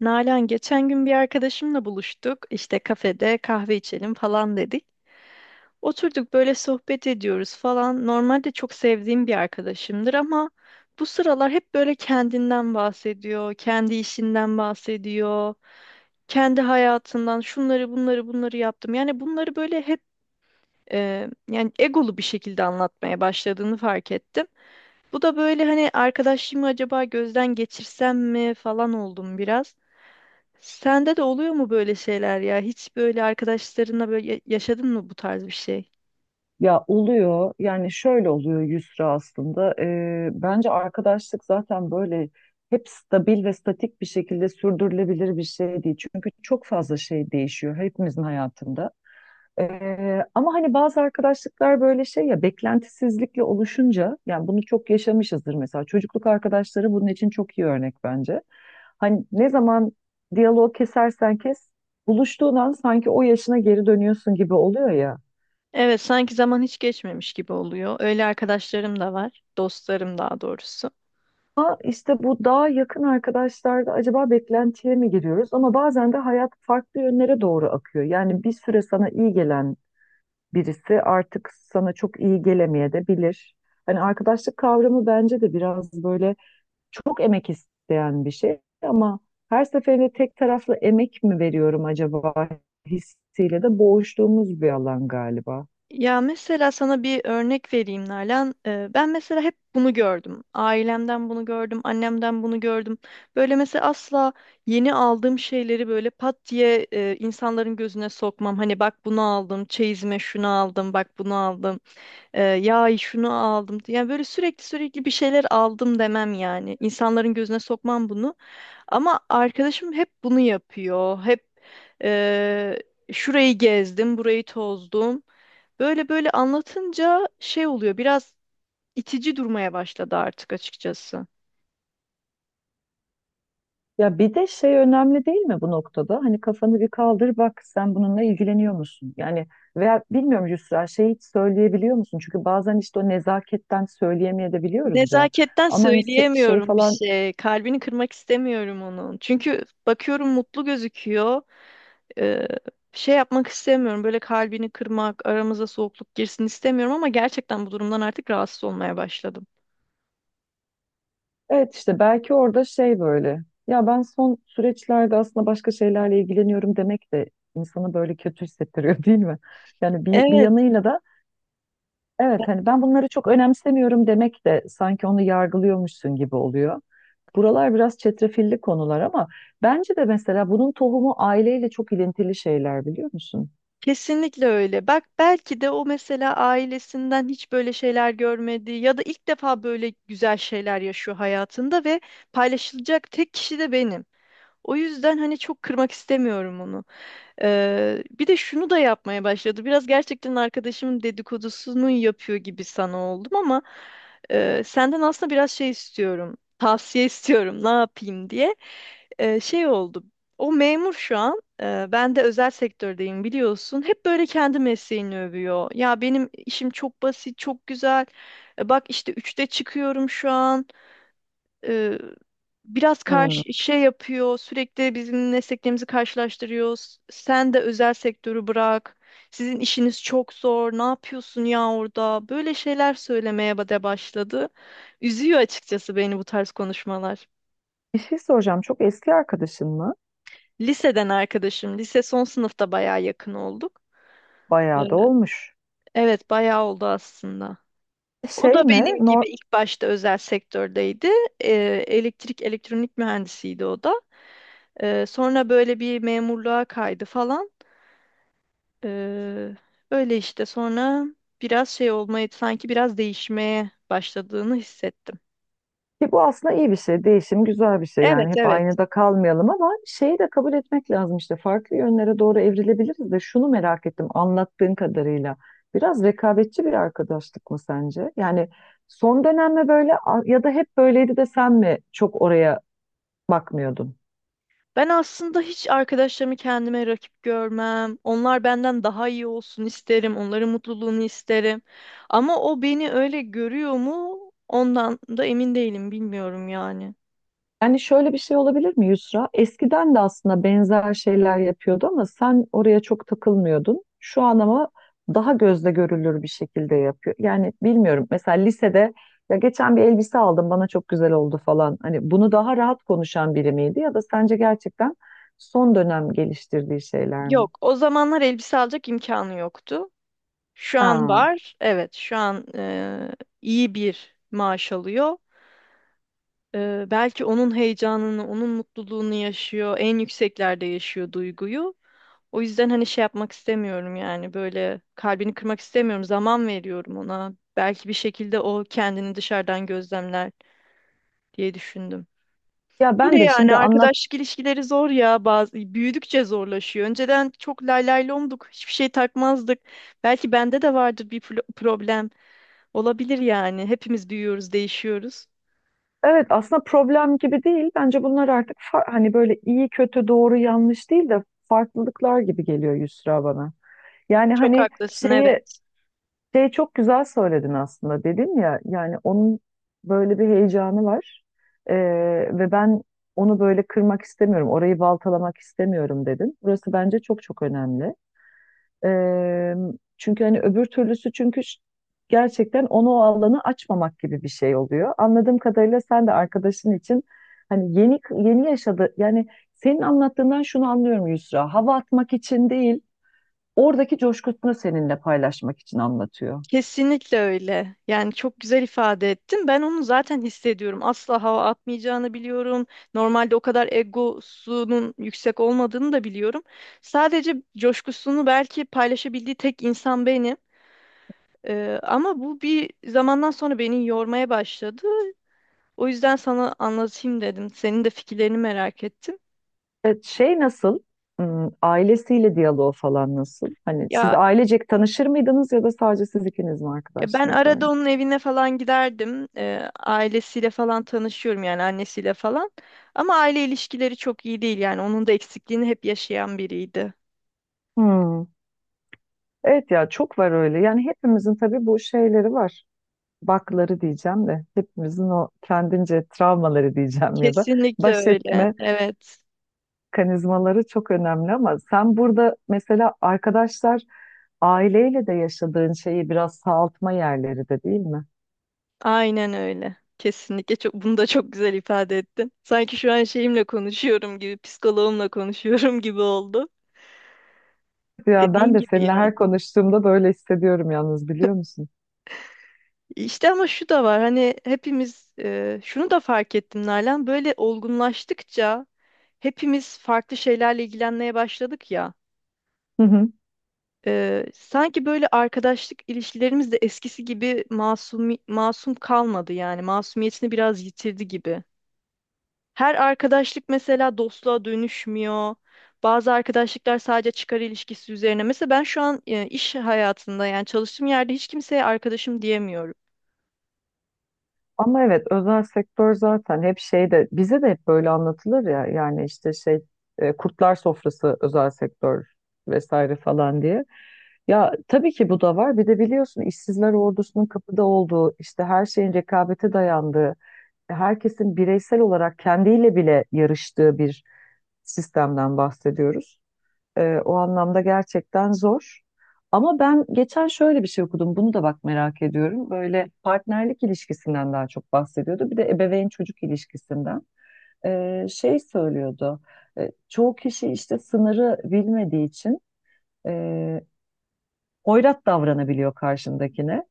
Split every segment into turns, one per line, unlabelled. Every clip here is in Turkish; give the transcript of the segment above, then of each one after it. Nalan geçen gün bir arkadaşımla buluştuk. İşte kafede kahve içelim falan dedik. Oturduk böyle sohbet ediyoruz falan. Normalde çok sevdiğim bir arkadaşımdır ama bu sıralar hep böyle kendinden bahsediyor, kendi işinden bahsediyor, kendi hayatından şunları bunları yaptım. Yani bunları böyle hep yani egolu bir şekilde anlatmaya başladığını fark ettim. Bu da böyle hani arkadaşlığımı acaba gözden geçirsem mi falan oldum biraz. Sende de oluyor mu böyle şeyler ya? Hiç böyle arkadaşlarınla böyle yaşadın mı bu tarz bir şey?
Ya oluyor yani şöyle oluyor Yusra aslında. Bence arkadaşlık zaten böyle hep stabil ve statik bir şekilde sürdürülebilir bir şey değil. Çünkü çok fazla şey değişiyor hepimizin hayatında. Ama hani bazı arkadaşlıklar böyle şey ya, beklentisizlikle oluşunca yani bunu çok yaşamışızdır, mesela çocukluk arkadaşları bunun için çok iyi örnek bence. Hani ne zaman diyaloğu kesersen kes, buluştuğun an sanki o yaşına geri dönüyorsun gibi oluyor ya.
Evet, sanki zaman hiç geçmemiş gibi oluyor. Öyle arkadaşlarım da var, dostlarım daha doğrusu.
Ama işte bu daha yakın arkadaşlarda acaba beklentiye mi giriyoruz? Ama bazen de hayat farklı yönlere doğru akıyor. Yani bir süre sana iyi gelen birisi artık sana çok iyi gelemeye de bilir. Hani arkadaşlık kavramı bence de biraz böyle çok emek isteyen bir şey, ama her seferinde tek taraflı emek mi veriyorum acaba hissiyle de boğuştuğumuz bir alan galiba.
Ya mesela sana bir örnek vereyim Nalan. Ben mesela hep bunu gördüm. Ailemden bunu gördüm, annemden bunu gördüm. Böyle mesela asla yeni aldığım şeyleri böyle pat diye insanların gözüne sokmam. Hani bak bunu aldım, çeyizime şunu aldım, bak bunu aldım. Ya şunu aldım. Yani böyle sürekli bir şeyler aldım demem yani. İnsanların gözüne sokmam bunu. Ama arkadaşım hep bunu yapıyor. Hep eee, şurayı gezdim, burayı tozdum. Böyle böyle anlatınca şey oluyor. Biraz itici durmaya başladı artık açıkçası.
Ya bir de şey önemli değil mi bu noktada? Hani kafanı bir kaldır, bak sen bununla ilgileniyor musun? Yani veya bilmiyorum Yusra, şey hiç söyleyebiliyor musun? Çünkü bazen işte o nezaketten söyleyemeyebiliyoruz ya.
Nezaketten
Ama hani se- şey
söyleyemiyorum bir
falan,
şey. Kalbini kırmak istemiyorum onun. Çünkü bakıyorum mutlu gözüküyor. e, Şey yapmak istemiyorum. Böyle kalbini kırmak, aramıza soğukluk girsin istemiyorum ama gerçekten bu durumdan artık rahatsız olmaya başladım.
evet işte belki orada şey böyle. Ya ben son süreçlerde aslında başka şeylerle ilgileniyorum demek de insanı böyle kötü hissettiriyor değil mi? Yani bir
Evet,
yanıyla da evet, hani ben bunları çok önemsemiyorum demek de sanki onu yargılıyormuşsun gibi oluyor. Buralar biraz çetrefilli konular, ama bence de mesela bunun tohumu aileyle çok ilintili şeyler, biliyor musun?
kesinlikle öyle. Bak belki de o mesela ailesinden hiç böyle şeyler görmedi ya da ilk defa böyle güzel şeyler yaşıyor hayatında ve paylaşılacak tek kişi de benim. O yüzden hani çok kırmak istemiyorum onu. Bir de şunu da yapmaya başladı. Biraz gerçekten arkadaşımın dedikodusunu yapıyor gibi sana oldum ama senden aslında biraz şey istiyorum. Tavsiye istiyorum ne yapayım diye. Şey oldu. O memur şu an. Ben de özel sektördeyim biliyorsun. Hep böyle kendi mesleğini övüyor. Ya benim işim çok basit, çok güzel. E, bak işte üçte çıkıyorum şu an, e, biraz
Hmm.
karşı şey yapıyor, sürekli bizim mesleklerimizi karşılaştırıyoruz. Sen de özel sektörü bırak. Sizin işiniz çok zor. Ne yapıyorsun ya orada? Böyle şeyler söylemeye ba- de başladı. Üzüyor açıkçası beni bu tarz konuşmalar.
Bir şey soracağım. Çok eski arkadaşın mı?
Liseden arkadaşım, lise son sınıfta bayağı yakın olduk.
Bayağı da
Evet.
olmuş.
Evet, bayağı oldu aslında. O
Şey
da
mi?
benim
Nor,
gibi ilk başta özel sektördeydi. Ee, Elektrik, elektronik mühendisiydi o da. Sonra böyle bir memurluğa kaydı falan. Ee, Öyle işte sonra biraz şey olmaya sanki biraz değişmeye başladığını hissettim.
ki bu aslında iyi bir şey. Değişim güzel bir şey.
Evet,
Yani hep
evet.
aynı da kalmayalım, ama şeyi de kabul etmek lazım işte. Farklı yönlere doğru evrilebiliriz de, şunu merak ettim anlattığın kadarıyla. Biraz rekabetçi bir arkadaşlık mı sence? Yani son dönem mi böyle a- ya da hep böyleydi de sen mi çok oraya bakmıyordun?
Ben aslında hiç arkadaşlarımı kendime rakip görmem. Onlar benden daha iyi olsun isterim. Onların mutluluğunu isterim. Ama o beni öyle görüyor mu? Ondan da emin değilim, bilmiyorum yani.
Yani şöyle bir şey olabilir mi Yusra? Eskiden de aslında benzer şeyler yapıyordu ama sen oraya çok takılmıyordun. Şu an ama daha gözle görülür bir şekilde yapıyor. Yani bilmiyorum. Mesela lisede ya geçen bir elbise aldım bana çok güzel oldu falan. Hani bunu daha rahat konuşan biri miydi ya da sence gerçekten son dönem geliştirdiği şeyler mi?
Yok, o zamanlar elbise alacak imkanı yoktu. Şu an
Ha.
var. Evet, şu an iyi bir maaş alıyor. Belki onun heyecanını, onun mutluluğunu yaşıyor. En yükseklerde yaşıyor duyguyu. O yüzden hani şey yapmak istemiyorum yani böyle kalbini kırmak istemiyorum. Zaman veriyorum ona. Belki bir şekilde o kendini dışarıdan gözlemler diye düşündüm.
Ya
Öyle
ben de
yani
şimdi anlat.
arkadaşlık ilişkileri zor ya bazı büyüdükçe zorlaşıyor. Önceden çok lay lay lomduk, hiçbir şey takmazdık. Belki bende de vardır bir problem. Olabilir yani. Hepimiz büyüyoruz, değişiyoruz.
Evet aslında problem gibi değil. Bence bunlar artık fa- hani böyle iyi kötü doğru yanlış değil de farklılıklar gibi geliyor Yusra bana. Yani
Çok
hani
haklısın,
şeyi,
evet.
şey çok güzel söyledin aslında, dedim ya yani onun böyle bir heyecanı var. Ee, Ve ben onu böyle kırmak istemiyorum, orayı baltalamak istemiyorum dedim. Burası bence çok çok önemli. Ee, Çünkü hani öbür türlüsü, çünkü ş- gerçekten onu o alanı açmamak gibi bir şey oluyor. Anladığım kadarıyla sen de arkadaşın için hani yeni yeni yaşadı yani, senin anlattığından şunu anlıyorum Yusra, hava atmak için değil oradaki coşkusunu seninle paylaşmak için anlatıyor.
Kesinlikle öyle. Yani çok güzel ifade ettin. Ben onu zaten hissediyorum. Asla hava atmayacağını biliyorum. Normalde o kadar egosunun yüksek olmadığını da biliyorum. Sadece coşkusunu belki paylaşabildiği tek insan benim. Ama bu bir zamandan sonra beni yormaya başladı. O yüzden sana anlatayım dedim. Senin de fikirlerini merak ettim.
Evet, şey nasıl? Hmm, ailesiyle diyaloğu falan nasıl? Hani siz
Ya
ailecek tanışır mıydınız ya da sadece siz ikiniz mi
Ya, ben
arkadaşsınız öyle?
arada onun evine falan giderdim. Ailesiyle falan tanışıyorum yani annesiyle falan. Ama aile ilişkileri çok iyi değil yani onun da eksikliğini hep yaşayan biriydi.
Hmm. Evet ya, çok var öyle. Yani hepimizin tabii bu şeyleri var. Bakları diyeceğim de, hepimizin o kendince travmaları diyeceğim ya da
Kesinlikle
baş
öyle.
etme
Evet.
kanizmaları çok önemli, ama sen burada mesela arkadaşlar aileyle de yaşadığın şeyi biraz sağaltma yerleri de değil mi?
Aynen öyle. Kesinlikle çok bunu da çok güzel ifade ettin. Sanki şu an şeyimle konuşuyorum gibi, psikoloğumla konuşuyorum gibi oldu.
Ya ben
Dediğin
de
gibi
seninle
yani.
her konuştuğumda böyle hissediyorum yalnız, biliyor musun?
İşte ama şu da var hani hepimiz şunu da fark ettim Nalan, böyle olgunlaştıkça hepimiz farklı şeylerle ilgilenmeye başladık ya, sanki böyle arkadaşlık ilişkilerimiz de eskisi gibi masum kalmadı yani masumiyetini biraz yitirdi gibi. Her arkadaşlık mesela dostluğa dönüşmüyor. Bazı arkadaşlıklar sadece çıkar ilişkisi üzerine. Mesela ben şu an iş hayatında yani çalıştığım yerde hiç kimseye arkadaşım diyemiyorum.
Ama evet özel sektör zaten hep şeyde bize de hep böyle anlatılır ya, yani işte şey kurtlar sofrası özel sektör vesaire falan diye. Ya tabii ki bu da var. Bir de biliyorsun işsizler ordusunun kapıda olduğu, işte her şeyin rekabete dayandığı, herkesin bireysel olarak kendiyle bile yarıştığı bir sistemden bahsediyoruz. O anlamda gerçekten zor. Ama ben geçen şöyle bir şey okudum. Bunu da bak merak ediyorum. Böyle partnerlik ilişkisinden daha çok bahsediyordu. Bir de ebeveyn çocuk ilişkisinden. Şey söylüyordu. Çoğu kişi işte sınırı bilmediği için e, hoyrat davranabiliyor karşındakine.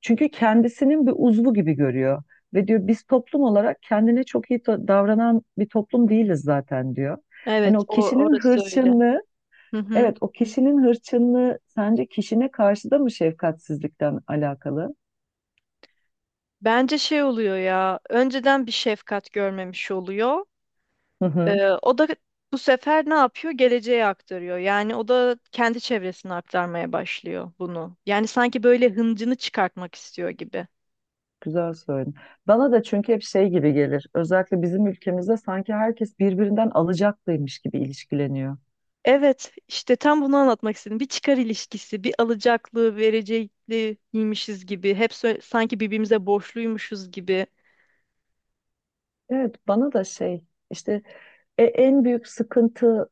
Çünkü kendisinin bir uzvu gibi görüyor. Ve diyor biz toplum olarak kendine çok iyi to- davranan bir toplum değiliz zaten diyor. Hani
Evet,
o
o
kişinin
orası öyle.
hırçınlığı,
Hı hı.
evet, o kişinin hırçınlığı sence kişine karşı da mı şefkatsizlikten alakalı?
Bence şey oluyor ya, önceden bir şefkat görmemiş oluyor.
Hı hı,
O da bu sefer ne yapıyor? Geleceğe aktarıyor. Yani o da kendi çevresine aktarmaya başlıyor bunu. Yani sanki böyle hıncını çıkartmak istiyor gibi.
güzel söyledin. Bana da çünkü hep şey gibi gelir. Özellikle bizim ülkemizde sanki herkes birbirinden alacaklıymış gibi ilişkileniyor.
Evet, işte tam bunu anlatmak istedim. Bir çıkar ilişkisi, bir alacaklı, verecekliymişiz gibi. Hep sanki birbirimize borçluymuşuz gibi.
Evet, bana da şey işte, en büyük sıkıntı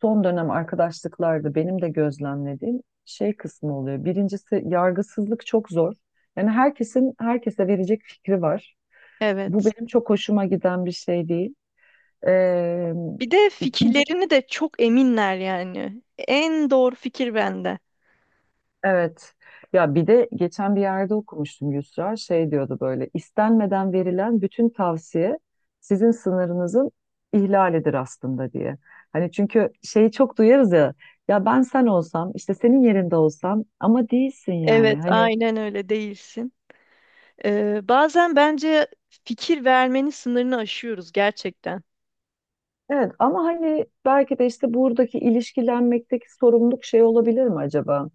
son dönem arkadaşlıklarda benim de gözlemlediğim şey kısmı oluyor. Birincisi yargısızlık çok zor. Yani herkesin herkese verecek fikri var. Bu
Evet.
benim çok hoşuma giden bir şey değil. Ee,
Bir de
ikinci
fikirlerini de çok eminler yani. En doğru fikir bende.
evet ya, bir de geçen bir yerde okumuştum Yusra, şey diyordu, böyle istenmeden verilen bütün tavsiye sizin sınırınızın ihlalidir aslında diye. Hani çünkü şeyi çok duyarız ya, ya ben sen olsam, işte senin yerinde olsam, ama değilsin yani
Evet,
hani,
aynen öyle değilsin. Bazen bence fikir vermenin sınırını aşıyoruz gerçekten.
evet ama hani belki de işte buradaki ilişkilenmekteki sorumluluk şey olabilir mi acaba?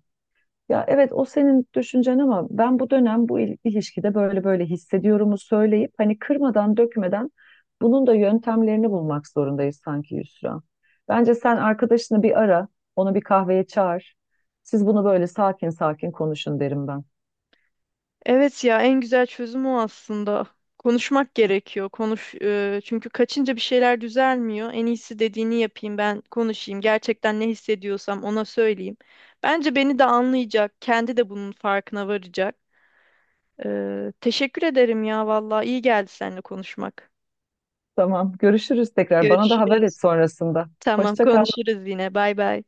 Ya evet o senin düşüncen, ama ben bu dönem bu il- ilişkide böyle böyle hissediyorumu söyleyip, hani kırmadan dökmeden bunun da yöntemlerini bulmak zorundayız sanki Yusra. Bence sen arkadaşını bir ara, onu bir kahveye çağır. Siz bunu böyle sakin sakin konuşun derim ben.
Evet ya en güzel çözüm o aslında. Konuşmak gerekiyor. Konuş, çünkü kaçınca bir şeyler düzelmiyor. En iyisi dediğini yapayım, ben konuşayım. Gerçekten ne hissediyorsam ona söyleyeyim. Bence beni de anlayacak. Kendi de bunun farkına varacak. Teşekkür ederim ya vallahi iyi geldi seninle konuşmak.
Tamam, görüşürüz tekrar. Bana da haber
Görüşürüz.
et sonrasında.
Tamam,
Hoşça kal.
konuşuruz yine. Bay bay.